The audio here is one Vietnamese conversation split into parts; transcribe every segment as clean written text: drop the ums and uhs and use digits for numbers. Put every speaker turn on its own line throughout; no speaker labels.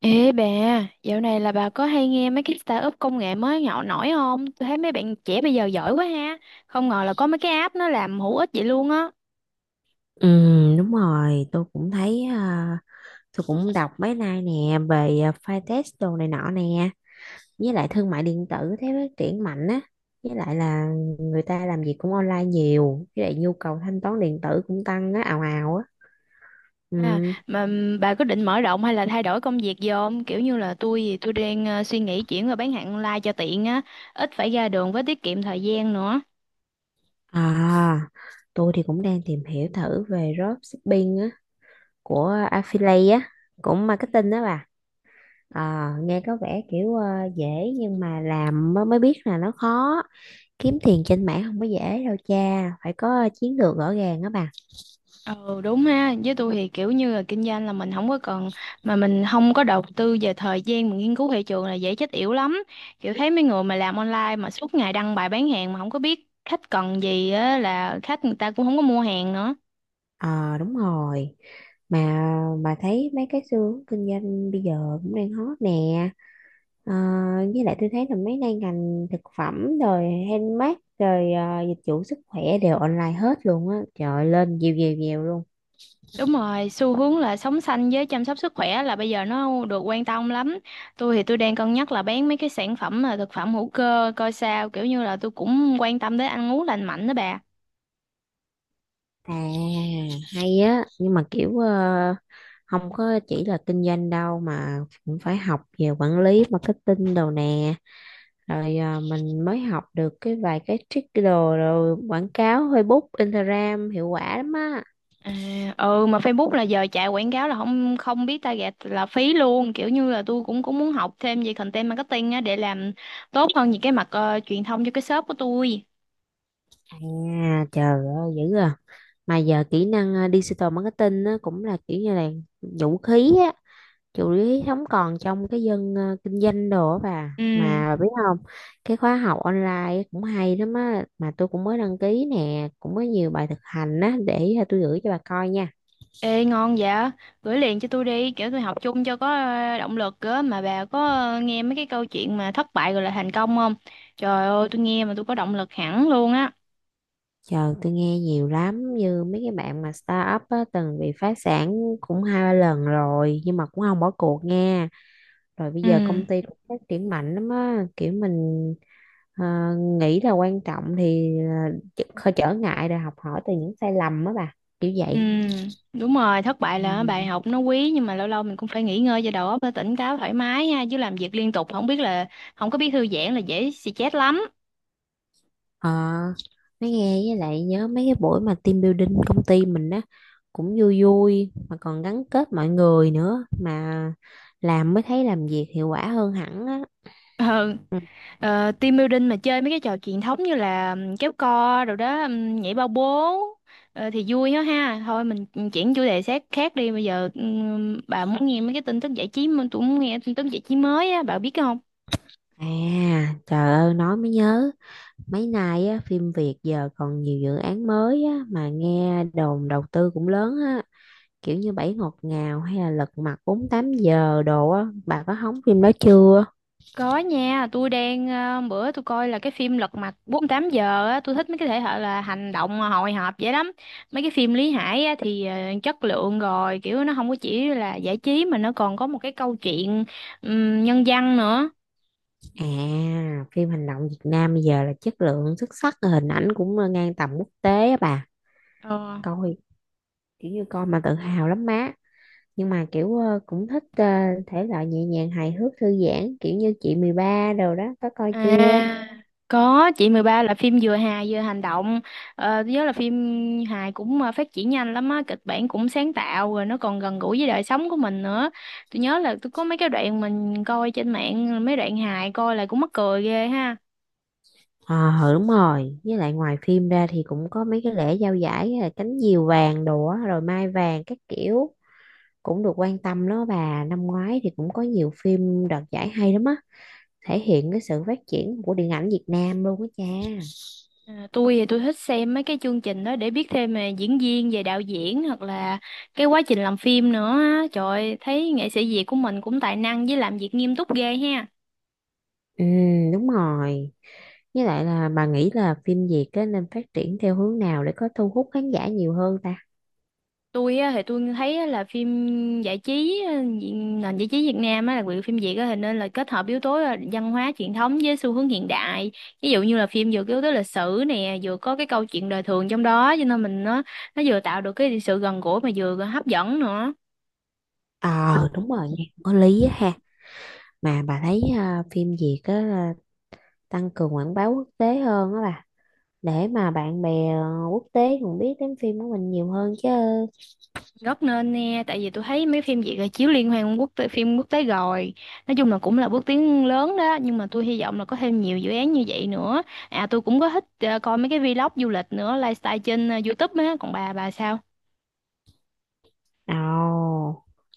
Ê bà, dạo này là bà có hay nghe mấy cái startup công nghệ mới nhạo nổi không? Tôi thấy mấy bạn trẻ bây giờ giỏi quá ha. Không ngờ là có mấy cái app nó làm hữu ích vậy luôn á.
Ừ, đúng rồi, tôi cũng thấy tôi cũng đọc mấy nay nè về file test đồ này nọ nè, với lại thương mại điện tử thấy phát triển mạnh á, với lại là người ta làm gì cũng online nhiều, với lại nhu cầu thanh toán điện tử cũng tăng á ào ào á.
À,
Ừ.
mà bà có định mở rộng hay là thay đổi công việc gì không? Kiểu như là tôi đang suy nghĩ chuyển qua bán hàng online cho tiện á, ít phải ra đường với tiết kiệm thời gian nữa.
À, tôi thì cũng đang tìm hiểu thử về dropshipping á của affiliate á, cũng marketing đó bà. À, nghe có vẻ kiểu dễ, nhưng mà làm mới mới biết là nó khó. Kiếm tiền trên mạng không có dễ đâu cha, phải có chiến lược rõ ràng đó bà.
Ừ đúng ha, với tôi thì kiểu như là kinh doanh là mình không có cần mà mình không có đầu tư về thời gian mình nghiên cứu thị trường là dễ chết yểu lắm. Kiểu thấy mấy người mà làm online mà suốt ngày đăng bài bán hàng mà không có biết khách cần gì á là khách người ta cũng không có mua hàng nữa.
Ờ, đúng rồi. Mà bà thấy mấy cái xu hướng kinh doanh bây giờ cũng đang hot nè. Ờ, với lại tôi thấy là mấy nay ngành thực phẩm rồi handmade rồi dịch vụ sức khỏe đều online hết luôn á. Trời ơi, lên nhiều nhiều nhiều luôn.
Đúng rồi, xu hướng là sống xanh với chăm sóc sức khỏe là bây giờ nó được quan tâm lắm. Tôi đang cân nhắc là bán mấy cái sản phẩm là thực phẩm hữu cơ coi sao, kiểu như là tôi cũng quan tâm tới ăn uống lành mạnh đó bà.
À, hay á, nhưng mà kiểu không có chỉ là kinh doanh đâu, mà cũng phải học về quản lý marketing đồ nè, rồi mình mới học được vài cái trick đồ rồi quảng cáo Facebook Instagram hiệu quả lắm á.
À, ừ mà Facebook là giờ chạy quảng cáo là không không biết target là phí luôn kiểu như là tôi cũng cũng muốn học thêm về content marketing á để làm tốt hơn những cái mặt truyền thông cho cái shop của tôi.
À, trời ơi dữ à. Mà giờ kỹ năng digital marketing á, cũng là kiểu như là vũ khí á, vũ khí không còn trong cái dân kinh doanh đồ á bà,
Ừ,
mà bà biết không? Cái khóa học online cũng hay lắm á, mà tôi cũng mới đăng ký nè, cũng có nhiều bài thực hành á, để tôi gửi cho bà coi nha.
ê ngon dạ, gửi liền cho tôi đi kiểu tôi học chung cho có động lực á. Mà bà có nghe mấy cái câu chuyện mà thất bại rồi là thành công không? Trời ơi tôi nghe mà tôi có động lực hẳn luôn á.
Trời, tôi nghe nhiều lắm, như mấy cái bạn mà startup á, từng bị phá sản cũng hai ba lần rồi, nhưng mà cũng không bỏ cuộc nha. Rồi bây
Ừ.
giờ công ty cũng phát triển mạnh lắm á, kiểu mình ờ, nghĩ là quan trọng thì không trở ngại, rồi học hỏi từ những sai lầm á bà, kiểu
Ừ,
vậy.
đúng rồi, thất bại là bài
Ừ.
học nó quý nhưng mà lâu lâu mình cũng phải nghỉ ngơi cho đầu óc nó tỉnh táo thoải mái ha, chứ làm việc liên tục không biết là không có biết thư giãn là dễ stress lắm.
Ờ, nói nghe với lại nhớ mấy cái buổi mà team building công ty mình á, cũng vui vui mà còn gắn kết mọi người nữa, mà làm mới thấy làm việc hiệu quả hơn hẳn á.
Ờ, team building mà chơi mấy cái trò truyền thống như là kéo co rồi đó, nhảy bao bố thì vui đó ha. Thôi mình chuyển chủ đề khác khác đi bây giờ. Bà muốn nghe mấy cái tin tức giải trí mà tôi muốn nghe tin tức giải trí mới á, bà biết không?
À, trời ơi nói mới nhớ, mấy nay á, phim Việt giờ còn nhiều dự án mới á, mà nghe đồn đầu tư cũng lớn á, kiểu như Bảy Ngọt Ngào hay là Lật Mặt 48 giờ đồ á, bà có hóng phim đó chưa?
Có nha, tôi đang bữa tôi coi là cái phim Lật Mặt 48 giờ á, tôi thích mấy cái thể loại là hành động hồi hộp vậy lắm. Mấy cái phim Lý Hải á, thì chất lượng rồi, kiểu nó không có chỉ là giải trí mà nó còn có một cái câu chuyện nhân văn nữa.
À, phim hành động Việt Nam bây giờ là chất lượng xuất sắc, hình ảnh cũng ngang tầm quốc tế á bà.
Ờ,
Coi kiểu như coi mà tự hào lắm má, nhưng mà kiểu cũng thích thể loại nhẹ nhàng hài hước thư giãn, kiểu như Chị Mười Ba đồ đó, có coi chưa?
à, có chị 13 là phim vừa hài vừa hành động. Ờ, tôi nhớ là phim hài cũng phát triển nhanh lắm á, kịch bản cũng sáng tạo rồi nó còn gần gũi với đời sống của mình nữa. Tôi nhớ là tôi có mấy cái đoạn mình coi trên mạng mấy đoạn hài coi là cũng mắc cười ghê ha.
Ờ ừ, đúng rồi, với lại ngoài phim ra thì cũng có mấy cái lễ trao giải là Cánh Diều Vàng đồ á, rồi Mai Vàng các kiểu, cũng được quan tâm đó bà. Năm ngoái thì cũng có nhiều phim đoạt giải hay lắm á, thể hiện cái sự phát triển của điện ảnh Việt Nam luôn á cha.
À, tôi thích xem mấy cái chương trình đó để biết thêm về diễn viên, về đạo diễn hoặc là cái quá trình làm phim nữa á. Trời ơi, thấy nghệ sĩ Việt của mình cũng tài năng với làm việc nghiêm túc ghê ha.
Ừ, đúng rồi, với lại là bà nghĩ là phim Việt á, nên phát triển theo hướng nào để có thu hút khán giả nhiều hơn ta?
Tôi á, thì tôi thấy á là phim giải trí nền giải trí Việt Nam á, đặc biệt là phim Việt á, thì nên là kết hợp yếu tố là văn hóa truyền thống với xu hướng hiện đại. Ví dụ như là phim vừa có yếu tố lịch sử nè vừa có cái câu chuyện đời thường trong đó cho nên mình nó vừa tạo được cái sự gần gũi mà vừa hấp dẫn nữa.
Ờ, đúng rồi nha, có lý á ha. Mà bà thấy phim Việt á, là tăng cường quảng bá quốc tế hơn á bà, để mà bạn bè quốc tế còn biết đến phim của mình nhiều hơn chứ.
Rất nên nha, tại vì tôi thấy mấy phim Việt là chiếu liên hoan quốc tế, phim quốc tế rồi. Nói chung là cũng là bước tiến lớn đó, nhưng mà tôi hy vọng là có thêm nhiều dự án như vậy nữa. À tôi cũng có thích coi mấy cái vlog du lịch nữa, lifestyle trên YouTube á, còn bà sao?
Ồ,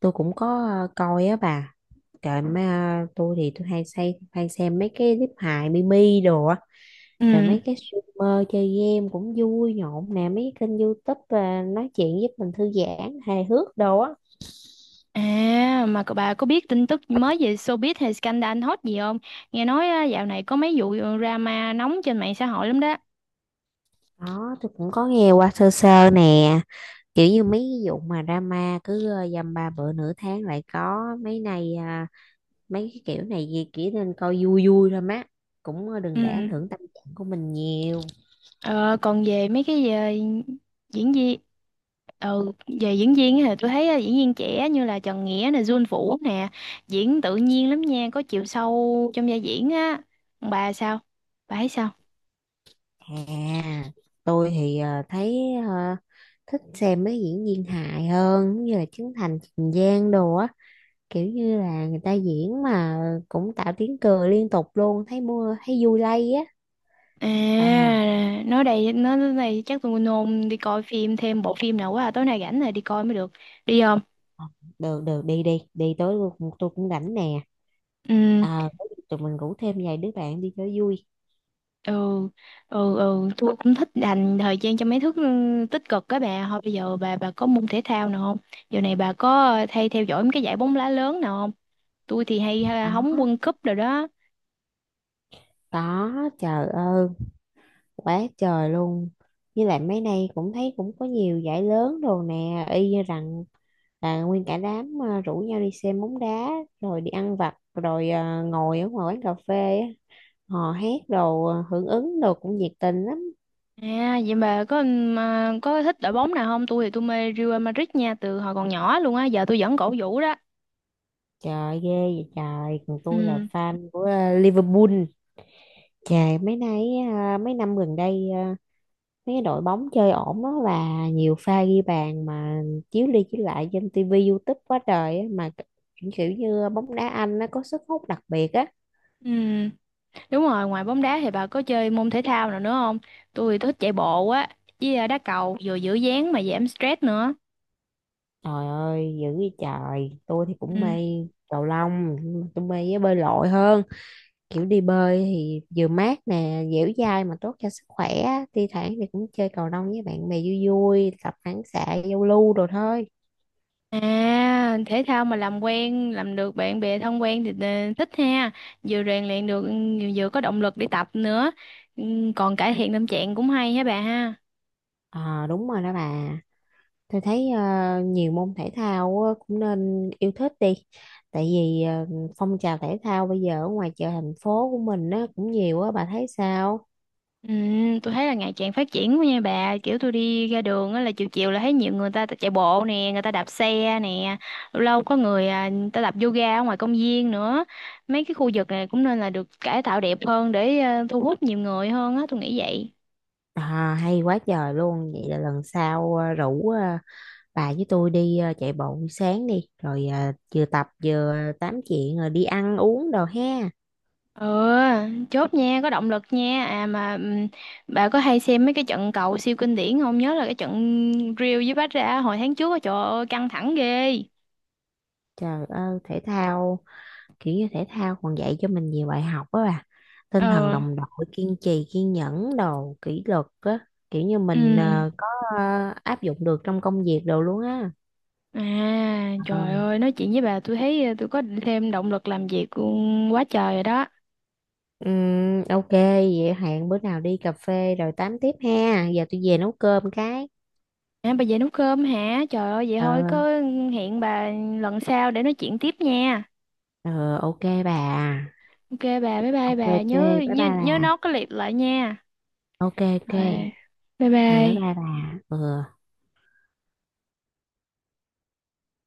tôi cũng có coi á bà. Trời, tôi thì tôi hay xem mấy cái clip hài mimi đồ á. Trời,
Ừ.
mấy cái streamer chơi game cũng vui nhộn nè, mấy cái kênh YouTube nói chuyện giúp mình thư giãn, hài hước đồ á.
À mà cậu bà có biết tin tức mới về showbiz hay scandal hot gì không? Nghe nói dạo này có mấy vụ drama nóng trên mạng xã hội lắm đó.
Đó, tôi cũng có nghe qua sơ sơ nè, kiểu như mấy cái vụ mà drama cứ dăm ba bữa nửa tháng lại có, mấy này mấy cái kiểu này gì chỉ nên coi vui vui thôi má, cũng đừng để ảnh
Ừ.
hưởng tâm trạng của mình nhiều.
Ờ, còn về mấy cái diễn viên ừ, về diễn viên á thì tôi thấy diễn viên trẻ như là Trần Nghĩa nè, Jun Vũ nè, diễn tự nhiên lắm nha, có chiều sâu trong vai diễn á. Còn Bà sao? Bà thấy sao?
À, tôi thì thấy ờ, thích xem mấy diễn viên hài hơn, như là Trấn Thành, Trình Giang đồ á, kiểu như là người ta diễn mà cũng tạo tiếng cười liên tục luôn, thấy mua thấy vui lây á. Ờ,
À, nói đây nói tới đây chắc tôi nôn đi coi phim thêm bộ phim nào quá à. Tối nay rảnh rồi đi coi mới được. Đi không?
được được, đi đi đi, tối tôi cũng rảnh nè.
Ừ.
Ờ, có gì tụi mình rủ thêm vài đứa bạn đi cho vui.
ừ ừ, tôi cũng thích dành thời gian cho mấy thứ tích cực các bà. Thôi bây giờ bà có môn thể thao nào không? Giờ này bà có hay theo dõi mấy cái giải bóng đá lớn nào không? Tôi thì hay ha, hóng
có
World Cup rồi đó.
có, trời ơi, quá trời luôn. Với lại mấy nay cũng thấy cũng có nhiều giải lớn đồ nè, y như rằng là nguyên cả đám rủ nhau đi xem bóng đá, rồi đi ăn vặt, rồi ngồi ở ngoài quán cà phê á, hò hét đồ hưởng ứng đồ cũng nhiệt tình lắm.
À vậy bà có có thích đội bóng nào không? Tôi mê Real Madrid nha, từ hồi còn nhỏ luôn á, giờ tôi vẫn cổ vũ đó.
Trời ghê vậy trời, còn tôi là
Ừ.
fan của Liverpool. Trời, mấy năm gần đây mấy cái đội bóng chơi ổn đó, và nhiều pha ghi bàn mà chiếu đi chiếu lại trên tivi YouTube quá trời á, mà kiểu kiểu như bóng đá Anh nó có sức hút đặc biệt á.
Ừ đúng rồi, ngoài bóng đá thì bà có chơi môn thể thao nào nữa không? Tôi thích chạy bộ á với đá cầu vừa giữ dáng mà giảm stress nữa.
Trời ơi dữ vậy trời, tôi thì
Ừ.
cũng mê cầu lông, nhưng mà tôi mê với bơi lội hơn, kiểu đi bơi thì vừa mát nè, dẻo dai mà tốt cho sức khỏe á. Thi thoảng thì cũng chơi cầu lông với bạn bè vui vui, tập phản xạ giao lưu đồ thôi.
À, thể thao mà làm quen, làm được bạn bè thân quen thì thích ha. Vừa rèn luyện được, vừa có động lực để tập nữa. Ừ, còn cải thiện tâm trạng cũng hay hả bà ha.
Ờ, đúng rồi đó bà. Tôi thấy nhiều môn thể thao á, cũng nên yêu thích đi. Tại vì phong trào thể thao bây giờ ở ngoài chợ thành phố của mình á, cũng nhiều á, bà thấy sao?
Ừ, tôi thấy là ngày càng phát triển quá nha bà. Kiểu tôi đi ra đường á là chiều chiều là thấy nhiều người ta chạy bộ nè, người ta đạp xe nè. Lâu lâu có người ta tập yoga ở ngoài công viên nữa. Mấy cái khu vực này cũng nên là được cải tạo đẹp hơn để thu hút nhiều người hơn á, tôi nghĩ vậy.
À, hay quá trời luôn. Vậy là lần sau rủ bà với tôi đi chạy bộ buổi sáng đi. Rồi vừa tập vừa tám chuyện rồi đi ăn uống đồ ha.
Ừ, chốt nha, có động lực nha. À mà bà có hay xem mấy cái trận cầu siêu kinh điển không? Nhớ là cái trận Real với Barca hồi tháng trước á, trời ơi, căng thẳng ghê.
Trời ơi, thể thao kiểu như thể thao còn dạy cho mình nhiều bài học á bà, tinh thần
Ờ,
đồng đội, kiên trì kiên nhẫn đồ, kỷ luật á, kiểu như mình
ừ.
có áp dụng được trong công việc đồ luôn á.
À,
Ờ.
trời ơi, nói chuyện với bà tôi thấy tôi có thêm động lực làm việc quá trời rồi đó.
Ok vậy hẹn bữa nào đi cà phê rồi tám tiếp ha, giờ tôi về nấu cơm cái.
À, bà về nấu cơm hả? Trời ơi, vậy
Ờ
thôi, có hẹn bà lần sau để nói chuyện tiếp nha.
ờ, ok bà.
Ok bà, bye bye
Ok
bà,
ok,
nhớ
bye bye
nhớ,
bà.
nhớ nốt cái liệt lại nha.
Ok ok.
Rồi, bye
Ừ, bye
bye.
bye bà. Ừ.